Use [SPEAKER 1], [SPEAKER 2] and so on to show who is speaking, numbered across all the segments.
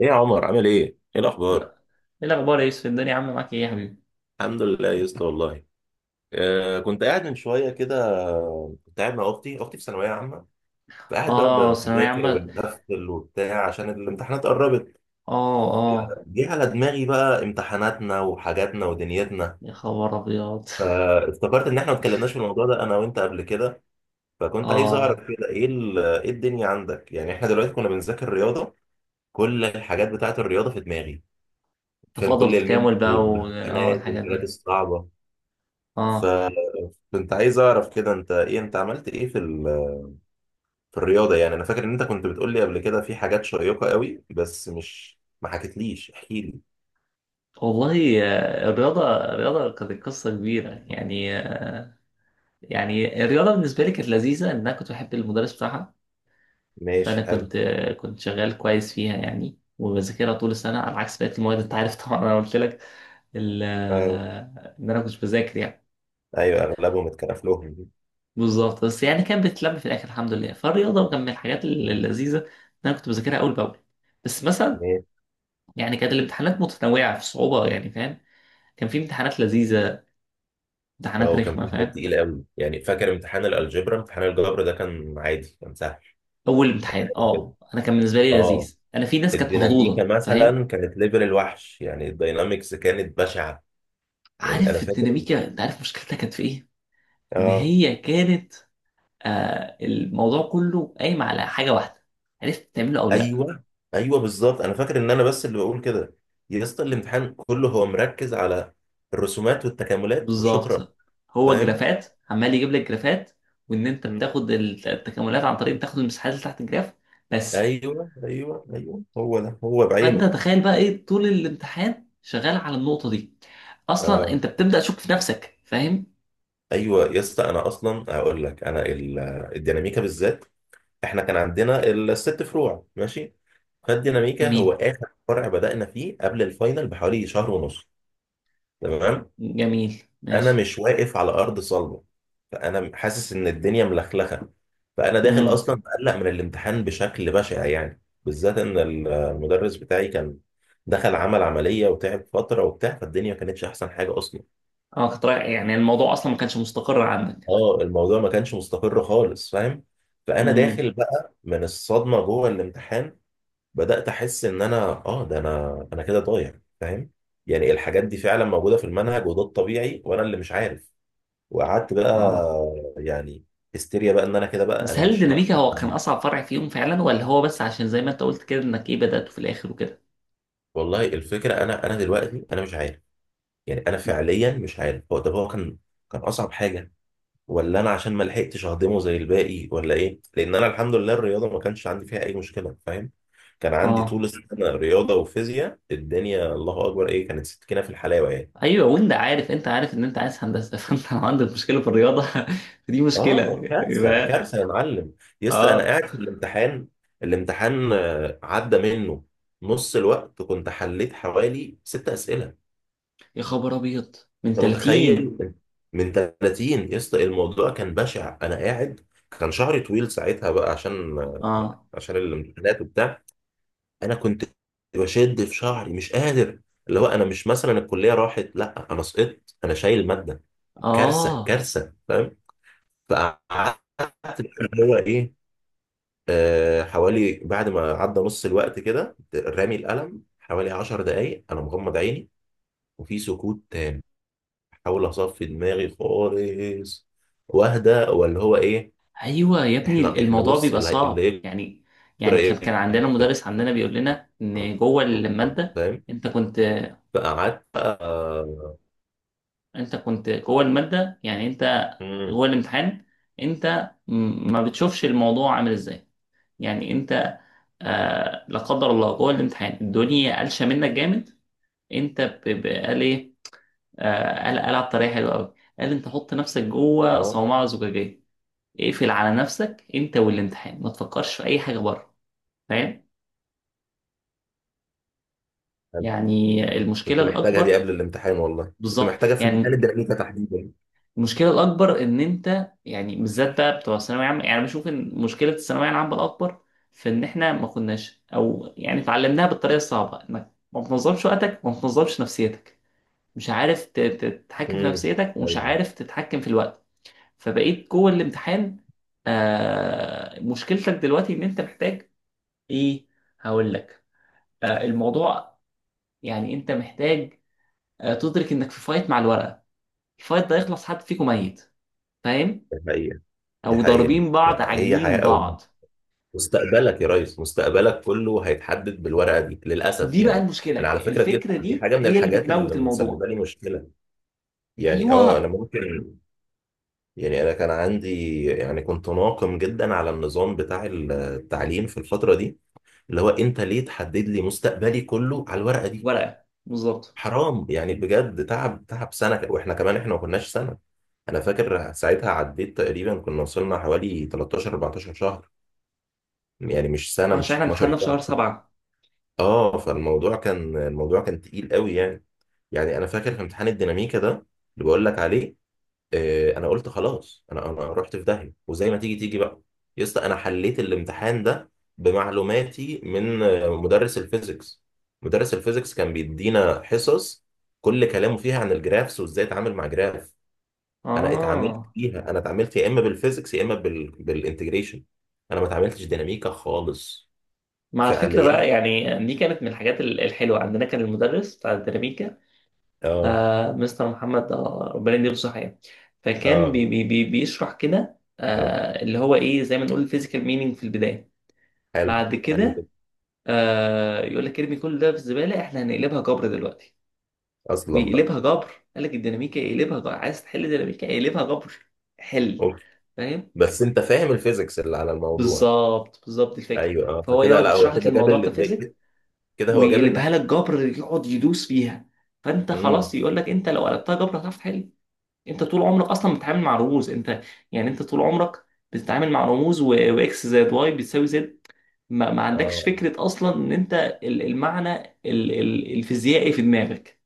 [SPEAKER 1] ايه يا عمر عامل ايه؟ ايه الاخبار؟
[SPEAKER 2] لا. ايه الاخبار يا يوسف؟ الدنيا عامله معاك ايه يا حبيبي؟
[SPEAKER 1] الحمد لله يا اسطى والله. كنت قاعد من شويه كده. كنت قاعد مع اختي في ثانويه عامه، فقاعد بقى
[SPEAKER 2] اه، ثانويه
[SPEAKER 1] بذاكر
[SPEAKER 2] عامه.
[SPEAKER 1] وبنقفل وبتاع عشان الامتحانات قربت.
[SPEAKER 2] اه. اه.
[SPEAKER 1] جه على دماغي بقى امتحاناتنا وحاجاتنا ودنيتنا،
[SPEAKER 2] يا خبر ابيض.
[SPEAKER 1] فافتكرت ان احنا ما اتكلمناش في الموضوع ده انا وانت قبل كده، فكنت عايز اعرف
[SPEAKER 2] اه،
[SPEAKER 1] كده ايه الدنيا عندك؟ يعني احنا دلوقتي كنا بنذاكر رياضه، كل الحاجات بتاعت الرياضه في دماغي، فاهم،
[SPEAKER 2] تفاضل
[SPEAKER 1] كل الميم
[SPEAKER 2] وتكامل بقى و... اه
[SPEAKER 1] والامتحانات
[SPEAKER 2] الحاجات
[SPEAKER 1] والحاجات
[SPEAKER 2] دي.
[SPEAKER 1] الصعبه. ف
[SPEAKER 2] اه،
[SPEAKER 1] كنت عايز اعرف كده انت ايه، انت عملت ايه في الرياضه يعني. انا فاكر ان انت كنت بتقول لي قبل كده في حاجات شيقه قوي بس مش ما حكيتليش، احكي لي.
[SPEAKER 2] والله الرياضه الرياضه كانت قصه كبيره يعني. يعني الرياضه بالنسبه لي كانت لذيذه، ان انا كنت بحب المدرس بتاعها. فانا
[SPEAKER 1] ماشي، حلو.
[SPEAKER 2] كنت كنت شغال كويس فيها يعني، وبذاكرها طول السنه على عكس بقيه المواد. انت عارف طبعا، انا قلت لك
[SPEAKER 1] آه.
[SPEAKER 2] ان انا كنت بذاكر يعني.
[SPEAKER 1] ايوه، اغلبهم اتكرف لهم.
[SPEAKER 2] بالظبط، بس يعني كانت بتتلم في الاخر الحمد لله. فالرياضه كان من الحاجات اللذيذه، ان انا كنت بذاكرها اول باول. بس مثلا
[SPEAKER 1] ماشي.
[SPEAKER 2] يعني كانت الامتحانات متنوعه في الصعوبه، يعني فاهم. كان في امتحانات لذيذه،
[SPEAKER 1] اه،
[SPEAKER 2] امتحانات
[SPEAKER 1] وكان
[SPEAKER 2] رخمه،
[SPEAKER 1] في حاجات
[SPEAKER 2] فاهم.
[SPEAKER 1] تقيله قوي يعني، فاكر امتحان الالجبra، امتحان الجبر ده كان عادي، كان سهل
[SPEAKER 2] اول امتحان
[SPEAKER 1] كده.
[SPEAKER 2] اه، انا كان بالنسبه لي
[SPEAKER 1] اه
[SPEAKER 2] لذيذ. انا في ناس كانت
[SPEAKER 1] الديناميكا
[SPEAKER 2] مخضوضه، فاهم.
[SPEAKER 1] مثلا كانت ليفل الوحش يعني، الداينامكس كانت بشعه. يعني انا
[SPEAKER 2] عارف
[SPEAKER 1] فاكر.
[SPEAKER 2] الديناميكا، انت عارف مشكلتها كانت في ايه؟ ان
[SPEAKER 1] اه
[SPEAKER 2] هي كانت، آه، الموضوع كله قايم على حاجه واحده: عرفت تعمله او لا.
[SPEAKER 1] ايوه ايوه، بالظبط. انا فاكر ان انا بس اللي بقول كده، يا اسطى الامتحان كله هو مركز على الرسومات والتكاملات وشكرا.
[SPEAKER 2] بالظبط. هو
[SPEAKER 1] فاهم.
[SPEAKER 2] جرافات، عمال يجيب لك جرافات، وان انت
[SPEAKER 1] مم.
[SPEAKER 2] التكاملات عن طريق بتاخد المساحات اللي تحت الجراف بس.
[SPEAKER 1] ايوه ايوه ايوه، هو ده هو
[SPEAKER 2] فانت
[SPEAKER 1] بعينه.
[SPEAKER 2] تخيل بقى ايه طول الامتحان شغال على النقطة دي. اصلا
[SPEAKER 1] آه.
[SPEAKER 2] انت بتبدأ تشك في نفسك، فاهم.
[SPEAKER 1] ايوه يا اسطى، انا اصلا هقول لك انا الديناميكا بالذات، احنا كان عندنا الست فروع ماشي، فالديناميكا هو
[SPEAKER 2] جميل.
[SPEAKER 1] اخر فرع بدأنا فيه قبل الفاينل بحوالي شهر ونص. تمام.
[SPEAKER 2] جميل
[SPEAKER 1] انا
[SPEAKER 2] ماشي.
[SPEAKER 1] مش واقف على ارض صلبه، فانا حاسس ان الدنيا ملخلخه، فانا داخل
[SPEAKER 2] امم.
[SPEAKER 1] اصلا مقلق من الامتحان بشكل بشع يعني، بالذات ان المدرس بتاعي كان دخل عمل عمليه وتعب فتره وبتاع، فالدنيا ما كانتش احسن حاجه اصلا.
[SPEAKER 2] اه، كنت رايح يعني، الموضوع اصلا ما كانش مستقر عندك.
[SPEAKER 1] اه، الموضوع ما كانش مستقر خالص فاهم. فانا
[SPEAKER 2] امم.
[SPEAKER 1] داخل بقى من الصدمه جوه الامتحان، بدات احس ان انا، اه ده انا كده ضايع فاهم. يعني الحاجات دي فعلا موجوده في المنهج وده الطبيعي وانا اللي مش عارف. وقعدت بقى،
[SPEAKER 2] اه.
[SPEAKER 1] يعني هستيريا بقى ان انا كده بقى
[SPEAKER 2] بس
[SPEAKER 1] انا
[SPEAKER 2] هل
[SPEAKER 1] مش ما.
[SPEAKER 2] الديناميكا هو كان اصعب فرع فيهم فعلا، ولا هو بس عشان زي ما انت قلت كده انك ايه بدأته في الاخر وكده؟
[SPEAKER 1] والله الفكره، انا دلوقتي انا مش عارف. يعني انا
[SPEAKER 2] مم.
[SPEAKER 1] فعليا مش عارف هو، طب هو كان كان اصعب حاجه، ولا انا عشان ما لحقتش اهضمه زي الباقي، ولا ايه؟ لان انا الحمد لله الرياضه ما كانش عندي فيها اي مشكله فاهم. كان عندي طول
[SPEAKER 2] اه.
[SPEAKER 1] السنه رياضه وفيزياء، الدنيا الله اكبر، ايه كانت، سكينه في الحلاوه يعني.
[SPEAKER 2] ايوه. وانت عارف ان انت عايز هندسه، فانت لو عندك مشكله في الرياضه، فدي مشكله.
[SPEAKER 1] اه كارثه
[SPEAKER 2] يبقى
[SPEAKER 1] كارثه يا معلم. يا اسطى انا
[SPEAKER 2] اه،
[SPEAKER 1] قاعد في الامتحان، الامتحان عدى منه نص الوقت، كنت حليت حوالي ست اسئله.
[SPEAKER 2] يا خبر ابيض. من
[SPEAKER 1] انت
[SPEAKER 2] 30.
[SPEAKER 1] متخيل؟ من 30. يا اسطى الموضوع كان بشع. انا قاعد، كان شعري طويل ساعتها بقى عشان،
[SPEAKER 2] اه.
[SPEAKER 1] عشان الامتحانات وبتاع، انا كنت بشد في شعري، مش قادر، اللي هو انا مش مثلا الكليه راحت، لا انا سقطت، انا شايل ماده، كارثه
[SPEAKER 2] اه.
[SPEAKER 1] كارثه فاهم. فقعدت اللي هو ايه، حوالي بعد ما عدى نص الوقت كده، رامي القلم حوالي عشر دقايق، انا مغمض عيني، وفي سكوت تام، بحاول اصفي دماغي خالص واهدى، ولا هو ايه.
[SPEAKER 2] ايوه يا ابني،
[SPEAKER 1] احنا
[SPEAKER 2] الموضوع
[SPEAKER 1] بص،
[SPEAKER 2] بيبقى صعب
[SPEAKER 1] اللي
[SPEAKER 2] يعني.
[SPEAKER 1] يجرى
[SPEAKER 2] يعني كان
[SPEAKER 1] ايه،
[SPEAKER 2] عندنا مدرس عندنا بيقول لنا ان جوه الماده،
[SPEAKER 1] فاهم.
[SPEAKER 2] انت كنت،
[SPEAKER 1] فقعدت بقى.
[SPEAKER 2] انت كنت جوه الماده يعني، انت
[SPEAKER 1] مم،
[SPEAKER 2] جوه الامتحان، انت ما بتشوفش الموضوع عامل ازاي، يعني انت، آه، لا قدر الله، جوه الامتحان الدنيا قلشه منك جامد. انت قال ايه، قال، قال على الطريقه حلوه قوي. قال انت حط نفسك جوه
[SPEAKER 1] اه
[SPEAKER 2] صومعه زجاجيه، اقفل على نفسك انت والامتحان، ما تفكرش في اي حاجه بره، فاهم. يعني المشكله
[SPEAKER 1] كنت محتاجها دي
[SPEAKER 2] الاكبر،
[SPEAKER 1] قبل الامتحان، والله كنت
[SPEAKER 2] بالظبط
[SPEAKER 1] محتاجها في امتحان
[SPEAKER 2] يعني،
[SPEAKER 1] الدراسة تحديدا.
[SPEAKER 2] المشكله الاكبر ان انت، يعني بالذات بقى بتوع الثانويه العامه، يعني بشوف ان مشكله الثانويه العامه الاكبر، في ان احنا ما كناش او يعني اتعلمناها بالطريقه الصعبه، انك ما بتنظمش وقتك وما بتنظمش نفسيتك، مش عارف تتحكم في
[SPEAKER 1] امم
[SPEAKER 2] نفسيتك، ومش
[SPEAKER 1] أيوة.
[SPEAKER 2] عارف تتحكم في الوقت. فبقيت جوه الامتحان. آه، مشكلتك دلوقتي ان انت محتاج، ايه، هقول لك، الموضوع، يعني انت محتاج، آه، تدرك انك في فايت مع الورقه، الفايت ده يخلص حد فيكم ميت، فاهم.
[SPEAKER 1] دي حقيقة، دي
[SPEAKER 2] او
[SPEAKER 1] حقيقة.
[SPEAKER 2] ضاربين بعض
[SPEAKER 1] هي حياة
[SPEAKER 2] عاجنين
[SPEAKER 1] أو موت.
[SPEAKER 2] بعض.
[SPEAKER 1] مستقبلك يا ريس، مستقبلك كله هيتحدد بالورقه دي للاسف
[SPEAKER 2] دي بقى
[SPEAKER 1] يعني.
[SPEAKER 2] المشكله،
[SPEAKER 1] انا على فكره دي
[SPEAKER 2] الفكره
[SPEAKER 1] دي
[SPEAKER 2] دي
[SPEAKER 1] حاجه من
[SPEAKER 2] هي اللي
[SPEAKER 1] الحاجات اللي
[SPEAKER 2] بتموت
[SPEAKER 1] مسببه
[SPEAKER 2] الموضوع.
[SPEAKER 1] لي مشكله، يعني انا
[SPEAKER 2] ايوه.
[SPEAKER 1] ممكن، يعني انا كان عندي، يعني كنت ناقم جدا على النظام بتاع التعليم في الفتره دي، اللي هو انت ليه تحدد لي مستقبلي كله على الورقه دي؟
[SPEAKER 2] ورقه بالظبط.
[SPEAKER 1] حرام يعني، بجد، تعب تعب سنه، واحنا كمان احنا ما كناش سنه، انا فاكر ساعتها عديت تقريبا كنا وصلنا حوالي 13 14 شهر، يعني مش سنه،
[SPEAKER 2] عشان
[SPEAKER 1] مش
[SPEAKER 2] احنا امتحاننا
[SPEAKER 1] 12
[SPEAKER 2] في
[SPEAKER 1] شهر.
[SPEAKER 2] شهر سبعة.
[SPEAKER 1] اه، فالموضوع كان، الموضوع كان تقيل قوي يعني. يعني انا فاكر في امتحان الديناميكا ده اللي بقول لك عليه، انا قلت خلاص، انا رحت في داهيه وزي ما تيجي تيجي بقى. يا اسطى انا حليت الامتحان ده بمعلوماتي من مدرس الفيزيكس. مدرس الفيزيكس كان بيدينا حصص كل كلامه فيها عن الجرافس وازاي اتعامل مع جراف. انا اتعاملت
[SPEAKER 2] اه،
[SPEAKER 1] فيها انا اتعاملت يا اما بالفيزيكس يا اما بالانتجريشن، انا ما اتعاملتش ديناميكا خالص
[SPEAKER 2] مع الفكرة
[SPEAKER 1] فعليا.
[SPEAKER 2] بقى يعني، دي كانت من الحاجات الحلوة. عندنا كان المدرس بتاع الديناميكا،
[SPEAKER 1] اه.
[SPEAKER 2] آه، مستر محمد، آه، ربنا يديله الصحة يعني. فكان
[SPEAKER 1] اه،
[SPEAKER 2] بي بي بي بيشرح كده، آه، اللي هو ايه، زي ما نقول الفيزيكال مينينج في البداية.
[SPEAKER 1] حلو،
[SPEAKER 2] بعد
[SPEAKER 1] حلو
[SPEAKER 2] كده
[SPEAKER 1] جدا.
[SPEAKER 2] آه، يقول لك ارمي كل ده في الزبالة، احنا هنقلبها جبر دلوقتي.
[SPEAKER 1] اصلا بقى،
[SPEAKER 2] ويقلبها جبر. قال لك الديناميكا يقلبها جبر، عايز تحل ديناميكا يقلبها جبر، حل،
[SPEAKER 1] اوف.
[SPEAKER 2] فاهم.
[SPEAKER 1] بس انت فاهم الفيزيكس اللي على الموضوع.
[SPEAKER 2] بالظبط، بالظبط الفكرة.
[SPEAKER 1] ايوه،
[SPEAKER 2] فهو
[SPEAKER 1] فكده
[SPEAKER 2] يقعد
[SPEAKER 1] لا، هو
[SPEAKER 2] يشرح لك
[SPEAKER 1] كده
[SPEAKER 2] الموضوع كفيزيك،
[SPEAKER 1] كده هو جاب
[SPEAKER 2] ويقلبها
[SPEAKER 1] الناحيه.
[SPEAKER 2] لك جبر، يقعد يدوس فيها. فانت
[SPEAKER 1] امم
[SPEAKER 2] خلاص، يقول لك انت لو قلبتها جبر هتعرف تحل. انت طول عمرك اصلا بتتعامل مع رموز انت. يعني انت طول عمرك بتتعامل مع رموز، واكس زائد واي بتساوي زد. ما عندكش
[SPEAKER 1] اه
[SPEAKER 2] فكره اصلا ان انت المعنى، الفيزيائي في دماغك.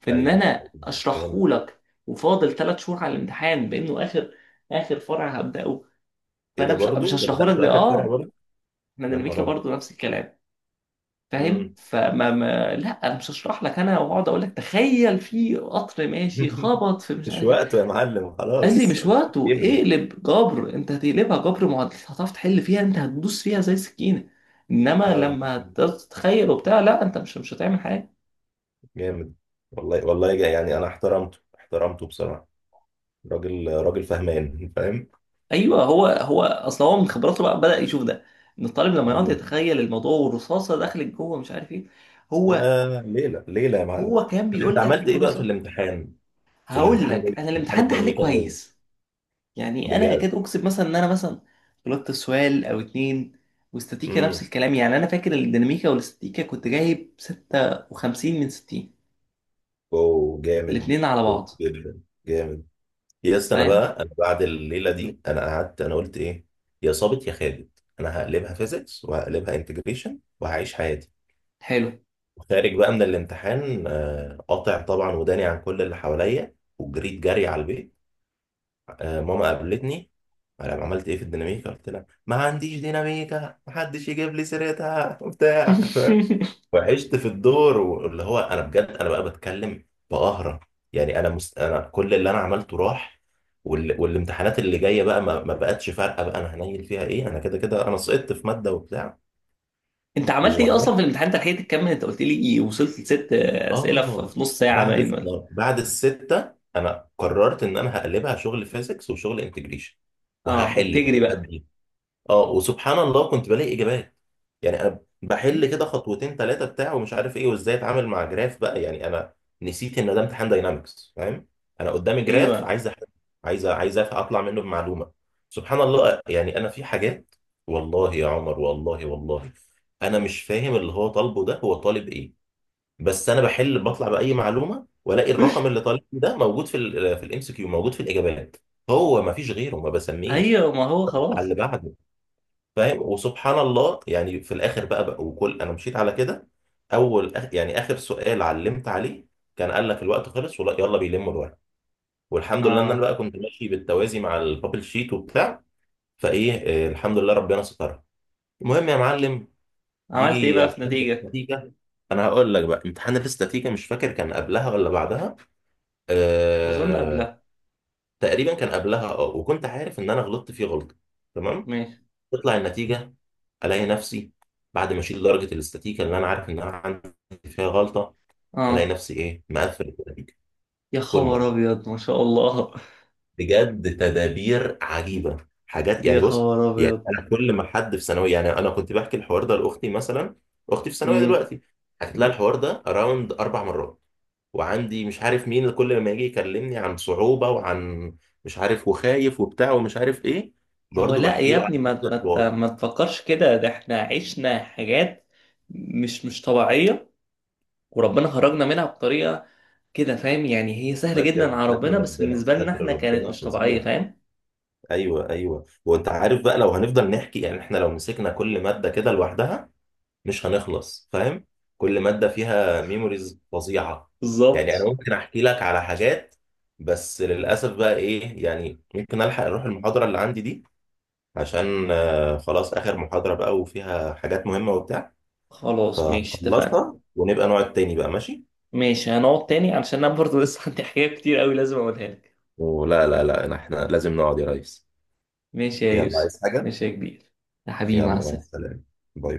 [SPEAKER 2] فان
[SPEAKER 1] ايوه
[SPEAKER 2] انا
[SPEAKER 1] فاهم.
[SPEAKER 2] اشرحه لك وفاضل ثلاث شهور على الامتحان، بانه اخر، اخر فرع هبداه،
[SPEAKER 1] ايه
[SPEAKER 2] فانا
[SPEAKER 1] ده
[SPEAKER 2] مش
[SPEAKER 1] برضو،
[SPEAKER 2] مش
[SPEAKER 1] انت
[SPEAKER 2] هشرحه
[SPEAKER 1] بدات
[SPEAKER 2] لك ده
[SPEAKER 1] اخر فرع
[SPEAKER 2] اه.
[SPEAKER 1] برضو؟
[SPEAKER 2] احنا
[SPEAKER 1] يا
[SPEAKER 2] ديناميكا
[SPEAKER 1] نهار ابيض.
[SPEAKER 2] برضو نفس الكلام، فاهم.
[SPEAKER 1] امم
[SPEAKER 2] فما ما لا انا مش هشرح لك، انا واقعد اقول لك تخيل في قطر ماشي خبط في مش
[SPEAKER 1] مش
[SPEAKER 2] عارف ايه.
[SPEAKER 1] وقته يا معلم،
[SPEAKER 2] قال لي
[SPEAKER 1] خلاص
[SPEAKER 2] مش
[SPEAKER 1] الوقت
[SPEAKER 2] وقته،
[SPEAKER 1] بيجري.
[SPEAKER 2] اقلب جبر، انت هتقلبها جبر معادلة، هتعرف تحل فيها، انت هتدوس فيها زي سكينة. انما
[SPEAKER 1] اه
[SPEAKER 2] لما تتخيل وبتاع، لا، انت مش هتعمل حاجة.
[SPEAKER 1] جامد. والله والله، يعني انا احترمته، احترمته بصراحه، راجل، راجل فهمان فاهم.
[SPEAKER 2] ايوه. هو اصل هو من خبراته بقى بدأ يشوف ده، ان الطالب لما يقعد
[SPEAKER 1] مم.
[SPEAKER 2] يتخيل الموضوع والرصاصة دخلت جوه مش عارف ايه. هو،
[SPEAKER 1] يا ليلى ليلى يا معلم.
[SPEAKER 2] هو كان
[SPEAKER 1] طب انت
[SPEAKER 2] بيقول لك
[SPEAKER 1] عملت ايه
[SPEAKER 2] بكل
[SPEAKER 1] بقى في
[SPEAKER 2] بساطة.
[SPEAKER 1] الامتحان، في
[SPEAKER 2] هقول
[SPEAKER 1] الامتحان، جوه
[SPEAKER 2] لك، انا
[SPEAKER 1] امتحان
[SPEAKER 2] الامتحان ده حليه
[SPEAKER 1] الديناميكا جوه؟
[SPEAKER 2] كويس. يعني انا
[SPEAKER 1] بجد؟
[SPEAKER 2] اكاد اكسب، مثلا ان انا مثلا غلطت سؤال او اتنين. واستاتيكا نفس
[SPEAKER 1] امم
[SPEAKER 2] الكلام. يعني انا فاكر الديناميكا والاستاتيكا كنت جايب 56 من 60،
[SPEAKER 1] اوه جامد،
[SPEAKER 2] الاتنين على
[SPEAKER 1] جامد
[SPEAKER 2] بعض،
[SPEAKER 1] جدا، جامد. يا اسطى انا
[SPEAKER 2] فاهم.
[SPEAKER 1] بقى، انا بعد الليله دي انا قعدت انا قلت ايه، يا صابت يا خابت، انا هقلبها فيزيكس وهقلبها انتجريشن وهعيش حياتي.
[SPEAKER 2] حلو.
[SPEAKER 1] وخارج بقى من الامتحان، قاطع طبعا وداني عن كل اللي حواليا وجريت جري على البيت. ماما قابلتني، انا عملت ايه في الديناميكا؟ قلت لها ما عنديش ديناميكا، محدش يجيب لي سيرتها وبتاع وعشت في الدور واللي هو انا بجد انا بقى بتكلم بقهرة. يعني انا كل اللي انا عملته راح، والامتحانات اللي جايه بقى ما بقتش فارقه بقى، انا هنيل فيها ايه؟ انا كده كده انا سقطت في ماده وبتاع.
[SPEAKER 2] انت عملت ايه اصلا في
[SPEAKER 1] وعملت،
[SPEAKER 2] الامتحان؟ انت لحقت تكمل؟ انت قلت لي إيه؟ وصلت لست اسئله في
[SPEAKER 1] اه،
[SPEAKER 2] في نص ساعه
[SPEAKER 1] بعد
[SPEAKER 2] باين،
[SPEAKER 1] الس-
[SPEAKER 2] ولا؟
[SPEAKER 1] بعد السته انا قررت ان انا هقلبها شغل فيزيكس وشغل انتجريشن
[SPEAKER 2] اه،
[SPEAKER 1] وهحل.
[SPEAKER 2] وبتجري بقى.
[SPEAKER 1] اه، وسبحان الله كنت بلاقي اجابات، يعني انا بحل كده خطوتين ثلاثه بتاع ومش عارف ايه وازاي اتعامل مع جراف بقى يعني. انا نسيت ان ده امتحان داينامكس فاهم، انا قدامي جراف
[SPEAKER 2] ايوه.
[SPEAKER 1] عايز أحل، عايز اطلع منه بمعلومه. سبحان الله يعني، انا في حاجات، والله يا عمر والله والله، انا مش فاهم اللي هو طالبه ده هو طالب ايه، بس انا بحل بطلع باي معلومه والاقي الرقم اللي طالب ده موجود في ال في الام سي كيو، موجود في الاجابات، هو ما فيش غيره، ما بسميش
[SPEAKER 2] ايوه، ما هو
[SPEAKER 1] على اللي
[SPEAKER 2] خلاص.
[SPEAKER 1] بعده، فاهم. وسبحان الله يعني في الاخر بقى، وكل انا مشيت على كده. اول يعني اخر سؤال علمت عليه كان قال لك الوقت خلص ولا يلا بيلموا الورق. والحمد لله ان انا
[SPEAKER 2] اه،
[SPEAKER 1] بقى كنت ماشي بالتوازي مع البابل شيت وبتاع، فايه، الحمد لله ربنا سترها. المهم يا معلم،
[SPEAKER 2] عملت ايه
[SPEAKER 1] يجي
[SPEAKER 2] بقى في
[SPEAKER 1] امتحان
[SPEAKER 2] نتيجة؟
[SPEAKER 1] الاستاتيكا، انا هقول لك بقى امتحان الاستاتيكا مش فاكر كان قبلها ولا بعدها،
[SPEAKER 2] اظن
[SPEAKER 1] أه...
[SPEAKER 2] قبلها.
[SPEAKER 1] تقريبا كان قبلها، اه، وكنت عارف ان انا غلطت فيه غلطه. تمام،
[SPEAKER 2] ماشي.
[SPEAKER 1] تطلع النتيجة، ألاقي نفسي بعد ما أشيل درجة الاستاتيكا اللي أنا عارف إن أنا عندي فيها غلطة، ألاقي
[SPEAKER 2] اه،
[SPEAKER 1] نفسي إيه، مقفل النتيجة،
[SPEAKER 2] يا
[SPEAKER 1] فول
[SPEAKER 2] خبر
[SPEAKER 1] مارك.
[SPEAKER 2] ابيض، ما شاء الله.
[SPEAKER 1] بجد تدابير عجيبة، حاجات
[SPEAKER 2] يا
[SPEAKER 1] يعني بص.
[SPEAKER 2] خبر
[SPEAKER 1] يعني
[SPEAKER 2] ابيض.
[SPEAKER 1] أنا كل ما حد في ثانوية، يعني أنا كنت بحكي الحوار ده لأختي مثلا، أختي في ثانوية
[SPEAKER 2] امم.
[SPEAKER 1] دلوقتي، حكيت لها
[SPEAKER 2] اللي
[SPEAKER 1] الحوار ده أراوند أربع مرات، وعندي مش عارف مين كل ما يجي يكلمني عن صعوبة وعن مش عارف وخايف وبتاع ومش عارف إيه،
[SPEAKER 2] هو،
[SPEAKER 1] برضه
[SPEAKER 2] لا
[SPEAKER 1] بحكي
[SPEAKER 2] يا
[SPEAKER 1] له عن
[SPEAKER 2] ابني،
[SPEAKER 1] نفس الحوار.
[SPEAKER 2] ما تفكرش كده، ده احنا عشنا حاجات مش طبيعية، وربنا خرجنا منها بطريقة كده، فاهم. يعني هي سهلة
[SPEAKER 1] والله
[SPEAKER 2] جدا
[SPEAKER 1] بجد
[SPEAKER 2] على
[SPEAKER 1] ستر
[SPEAKER 2] ربنا، بس
[SPEAKER 1] ربنا،
[SPEAKER 2] بالنسبة لنا
[SPEAKER 1] ستر
[SPEAKER 2] احنا كانت
[SPEAKER 1] ربنا
[SPEAKER 2] مش طبيعية،
[SPEAKER 1] فظيع.
[SPEAKER 2] فاهم.
[SPEAKER 1] ايوه ايوه، وانت عارف بقى لو هنفضل نحكي، يعني احنا لو مسكنا كل ماده كده لوحدها مش هنخلص فاهم، كل ماده فيها ميموريز فظيعه. يعني انا
[SPEAKER 2] بالظبط.
[SPEAKER 1] ممكن احكي لك على حاجات، بس للاسف بقى ايه، يعني ممكن الحق اروح المحاضره اللي عندي دي عشان خلاص اخر محاضره بقى وفيها حاجات مهمه وبتاع،
[SPEAKER 2] خلاص ماشي، اتفقنا.
[SPEAKER 1] فهخلصها ونبقى نقعد تاني بقى ماشي.
[SPEAKER 2] ماشي، هنقعد تاني علشان انا برضه لسه عندي حاجات كتير قوي لازم اقولها لك.
[SPEAKER 1] ولا لا لا، احنا لازم نقعد يا ريس.
[SPEAKER 2] ماشي يا
[SPEAKER 1] يلا
[SPEAKER 2] يوسف.
[SPEAKER 1] عايز حاجه؟
[SPEAKER 2] ماشي يا كبير. يا حبيبي، مع
[SPEAKER 1] يلا مع
[SPEAKER 2] السلامة.
[SPEAKER 1] السلامة، باي.